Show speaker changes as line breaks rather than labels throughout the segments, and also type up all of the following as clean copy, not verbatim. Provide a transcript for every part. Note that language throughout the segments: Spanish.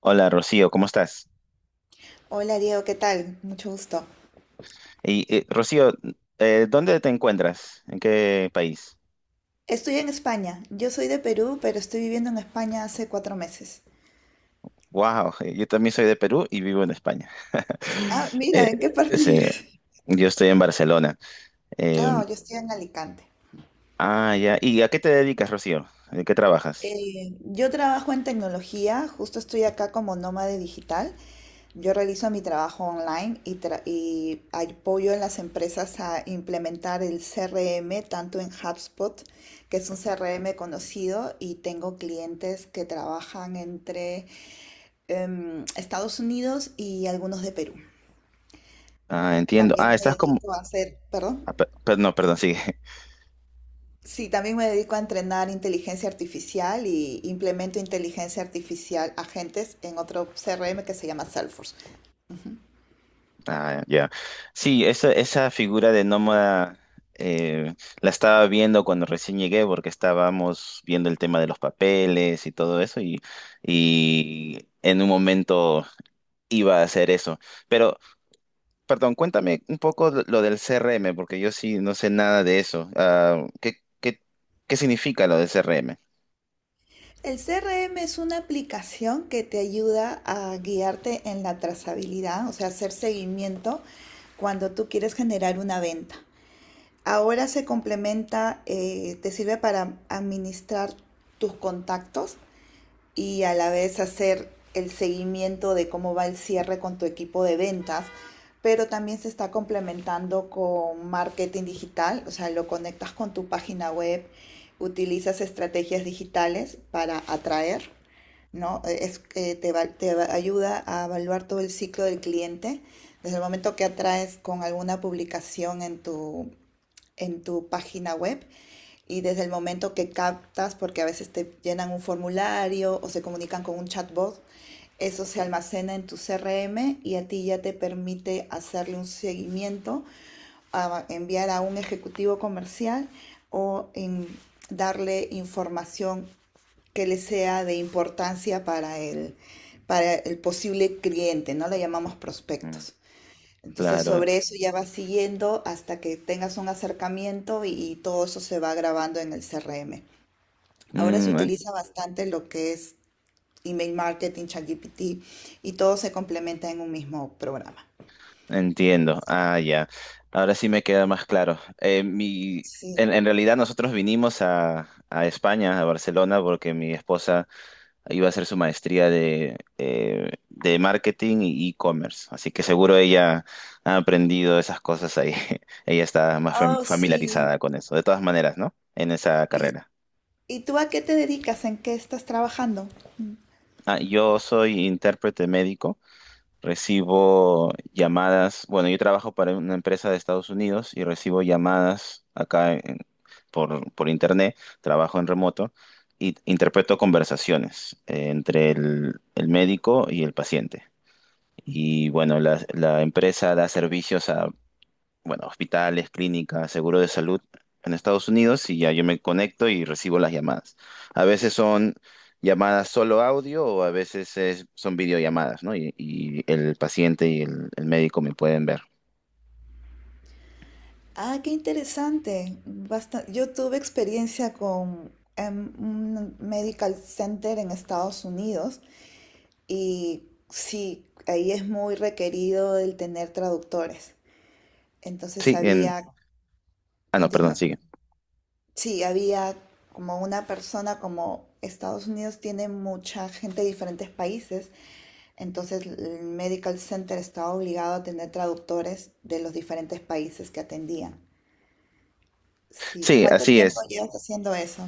Hola Rocío, ¿cómo estás?
Hola Diego, ¿qué tal? Mucho gusto.
Y Rocío, ¿dónde te encuentras? ¿En qué país?
Estoy en España. Yo soy de Perú, pero estoy viviendo en España hace cuatro meses.
Wow, yo también soy de Perú y vivo en España.
Ah,
Eh,
mira, ¿en qué parte
sí,
vives?
yo estoy en Barcelona. Eh,
Ah, yo estoy en Alicante.
ah, ya. ¿Y a qué te dedicas, Rocío? ¿En qué trabajas?
Yo trabajo en tecnología, justo estoy acá como nómade digital. Yo realizo mi trabajo online y y apoyo a las empresas a implementar el CRM, tanto en HubSpot, que es un CRM conocido, y tengo clientes que trabajan entre Estados Unidos y algunos de Perú.
Ah, entiendo. Ah,
También me
estás como...
dedico a hacer, perdón,
ah, no, perdón, sigue.
sí, también me dedico a entrenar inteligencia artificial y implemento inteligencia artificial agentes en otro CRM que se llama Salesforce.
Ah, ya. Sí, esa figura de nómada eh, la estaba viendo cuando recién llegué porque estábamos viendo el tema de los papeles y todo eso y en un momento iba a hacer eso. Pero, perdón, cuéntame un poco lo del CRM porque yo sí no sé nada de eso. Ah, ¿qué significa lo del CRM?
El CRM es una aplicación que te ayuda a guiarte en la trazabilidad, o sea, hacer seguimiento cuando tú quieres generar una venta. Ahora se complementa, te sirve para administrar tus contactos y a la vez hacer el seguimiento de cómo va el cierre con tu equipo de ventas, pero también se está complementando con marketing digital, o sea, lo conectas con tu página web, utilizas estrategias digitales para atraer, ¿no? Te ayuda a evaluar todo el ciclo del cliente, desde el momento que atraes con alguna publicación en tu página web y desde el momento que captas, porque a veces te llenan un formulario o se comunican con un chatbot, eso se almacena en tu CRM y a ti ya te permite hacerle un seguimiento, a enviar a un ejecutivo comercial o en darle información que le sea de importancia para el posible cliente, ¿no? Le llamamos
Mm.
prospectos. Entonces
Claro.
sobre eso ya vas siguiendo hasta que tengas un acercamiento y todo eso se va grabando en el CRM. Ahora se
Mm.
utiliza bastante lo que es email marketing, ChatGPT y todo se complementa en un mismo programa.
Entiendo. Ah, ya. Ahora sí me queda más claro.
Sí.
En realidad nosotros vinimos a España, a Barcelona, porque mi esposa iba a hacer su maestría de marketing y e-commerce. Así que seguro ella ha aprendido esas cosas ahí. Ella está más
Oh, sí.
familiarizada con eso. De todas maneras, ¿no? En esa
¿Y,
carrera.
y tú a qué te dedicas? ¿En qué estás trabajando? Mm.
Ah, yo soy intérprete médico. Recibo llamadas, bueno, yo trabajo para una empresa de Estados Unidos y recibo llamadas por internet, trabajo en remoto y interpreto conversaciones entre el médico y el paciente. Y bueno, la empresa da servicios bueno, hospitales, clínicas, seguro de salud en Estados Unidos y ya yo me conecto y recibo las llamadas. A veces son llamadas solo audio o a veces son videollamadas, ¿no? Y el paciente y el médico me pueden ver.
Ah, qué interesante. Basta- Yo tuve experiencia con un medical center en Estados Unidos. Y sí, ahí es muy requerido el tener traductores. Entonces
Sí, en...
había,
Ah, no, perdón,
continúa,
sigue.
perdón. Sí, había como una persona, como Estados Unidos tiene mucha gente de diferentes países, entonces el Medical Center estaba obligado a tener traductores de los diferentes países que atendían. Sí,
Sí,
¿cuánto
así
tiempo
es.
llevas haciendo eso?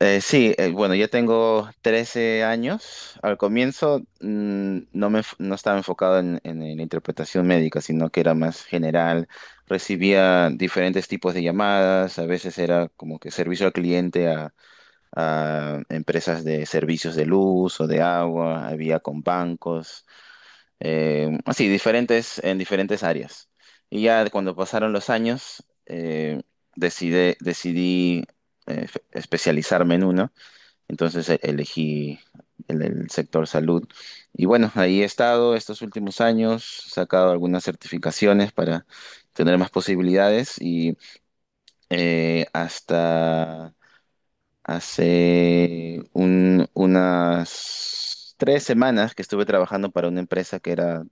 Sí, bueno, yo tengo 13 años. Al comienzo no estaba enfocado en la interpretación médica, sino que era más general. Recibía diferentes tipos de llamadas, a veces era como que servicio al cliente a empresas de servicios de luz o de agua, había con bancos, así, diferentes, en diferentes áreas. Y ya cuando pasaron los años, decidí especializarme en uno. Entonces elegí el sector salud. Y bueno, ahí he estado estos últimos años, he sacado algunas certificaciones para tener más posibilidades y hasta hace unas 3 semanas que estuve trabajando para una empresa que era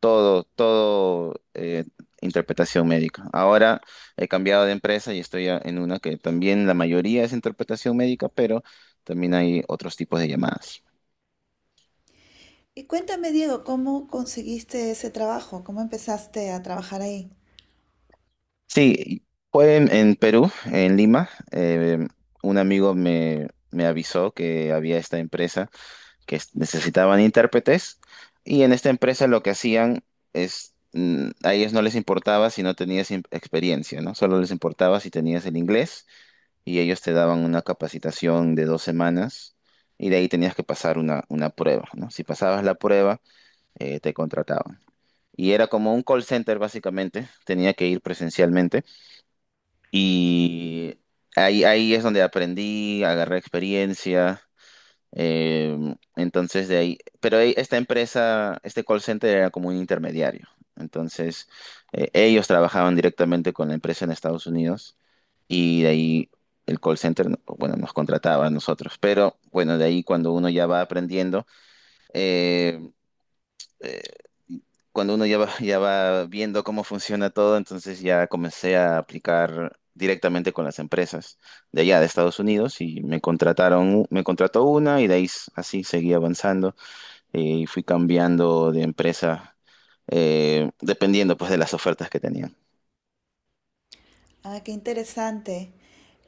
todo interpretación médica. Ahora he cambiado de empresa y estoy en una que también la mayoría es interpretación médica, pero también hay otros tipos de llamadas.
Y cuéntame, Diego, ¿cómo conseguiste ese trabajo? ¿Cómo empezaste a trabajar ahí?
Sí, fue en Perú, en Lima. Un amigo me, me avisó que había esta empresa que necesitaban intérpretes y en esta empresa lo que hacían es... a ellos no les importaba si no tenías experiencia, ¿no? Solo les importaba si tenías el inglés y ellos te daban una capacitación de 2 semanas y de ahí tenías que pasar una prueba, ¿no? Si pasabas la prueba, te contrataban. Y era como un call center básicamente, tenía que ir presencialmente y ahí, ahí es donde aprendí, agarré experiencia. eh, entonces de ahí, pero esta empresa, este call center era como un intermediario. Entonces, ellos trabajaban directamente con la empresa en Estados Unidos y de ahí el call center, bueno, nos contrataba a nosotros, pero bueno, de ahí cuando uno ya va aprendiendo, eh, eh, cuando uno ya va, ya va viendo cómo funciona todo, entonces ya comencé a aplicar directamente con las empresas de allá, de Estados Unidos, y me contrataron, me contrató una y de ahí así seguí avanzando y fui cambiando de empresa. Dependiendo pues de las ofertas que tenían.
Ah, qué interesante.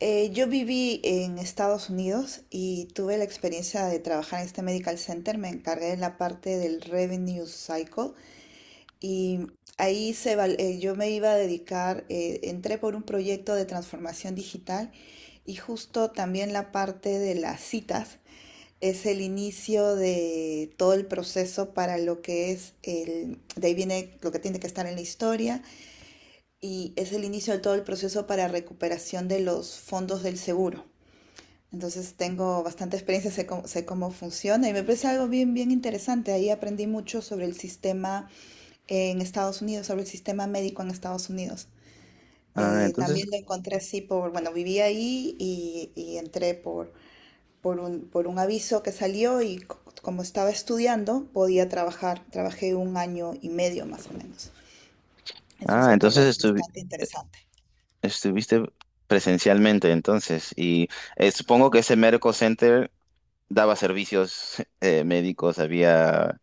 Yo viví en Estados Unidos y tuve la experiencia de trabajar en este medical center. Me encargué de la parte del revenue cycle y yo me iba a dedicar, entré por un proyecto de transformación digital y justo también la parte de las citas es el inicio de todo el proceso para lo que es el, de ahí viene lo que tiene que estar en la historia y es el inicio de todo el proceso para recuperación de los fondos del seguro. Entonces tengo bastante experiencia, sé cómo, sé cómo funciona y me parece algo bien, bien interesante. Ahí aprendí mucho sobre el sistema en Estados Unidos, sobre el sistema médico en Estados Unidos.
Ah, entonces,
También lo encontré así por, bueno, viví ahí y entré por un aviso que salió y como estaba estudiando podía trabajar. Trabajé un año y medio más o menos. Es un
ah,
sector
entonces
bastante interesante.
estuviste presencialmente entonces y supongo que ese Medical Center daba servicios médicos, había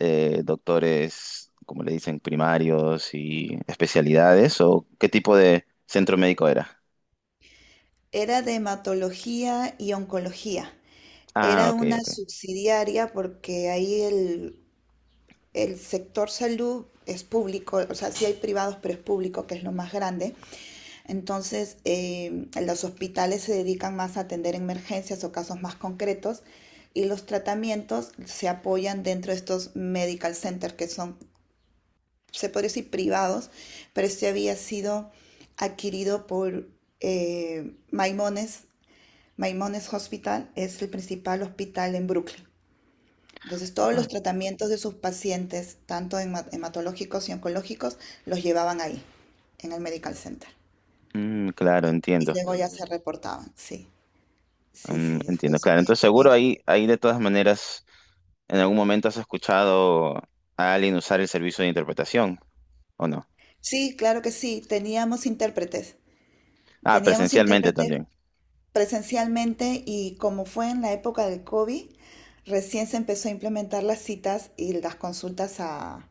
doctores, como le dicen, primarios y especialidades o qué tipo de centro médico era.
Era de hematología y oncología.
Ah,
Era
ok,
una
ok.
subsidiaria porque ahí el sector salud es público, o sea, sí hay privados, pero es público, que es lo más grande. Entonces, los hospitales se dedican más a atender emergencias o casos más concretos y los tratamientos se apoyan dentro de estos medical centers que son, se podría decir, privados, pero este había sido adquirido por Maimones Maimonides Hospital es el principal hospital en Brooklyn. Entonces, todos
Ah,
los tratamientos de sus pacientes, tanto hematológicos y oncológicos, los llevaban ahí, en el Medical Center.
mm, claro,
Y
entiendo.
luego ya se reportaban, sí. Sí,
Mm,
sí, fue
entiendo, claro.
bien,
Entonces
bien.
seguro ahí, ahí de todas maneras, en algún momento has escuchado a alguien usar el servicio de interpretación, ¿o no?
Sí, claro que sí, teníamos intérpretes.
Ah,
Teníamos
presencialmente
intérpretes
también.
presencialmente y como fue en la época del COVID, recién se empezó a implementar las citas y las consultas a-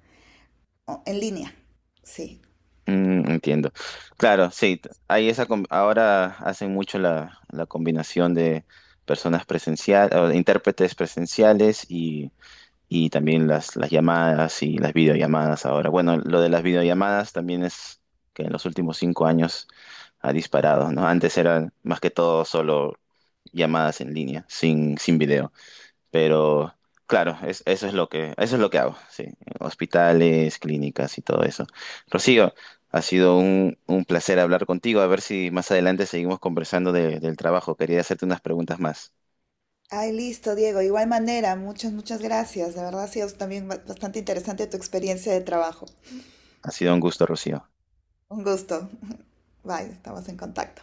o- en línea. Sí.
Mm, entiendo. Claro, sí, hay ahora hacen mucho la, la combinación de personas presenciales, intérpretes presenciales y también las llamadas y las videollamadas ahora. Bueno, lo de las videollamadas también es que en los últimos 5 años ha disparado, ¿no? Antes eran más que todo solo llamadas en línea, sin, sin video. Pero claro, eso es lo que, eso es lo que hago, sí. Hospitales, clínicas y todo eso. Rocío, ha sido un placer hablar contigo. A ver si más adelante seguimos conversando del trabajo. Quería hacerte unas preguntas más.
Ay, listo, Diego. De igual manera, muchas, muchas gracias. De verdad ha sido también bastante interesante tu experiencia de trabajo.
Ha sido un gusto, Rocío.
Un gusto. Bye, estamos en contacto.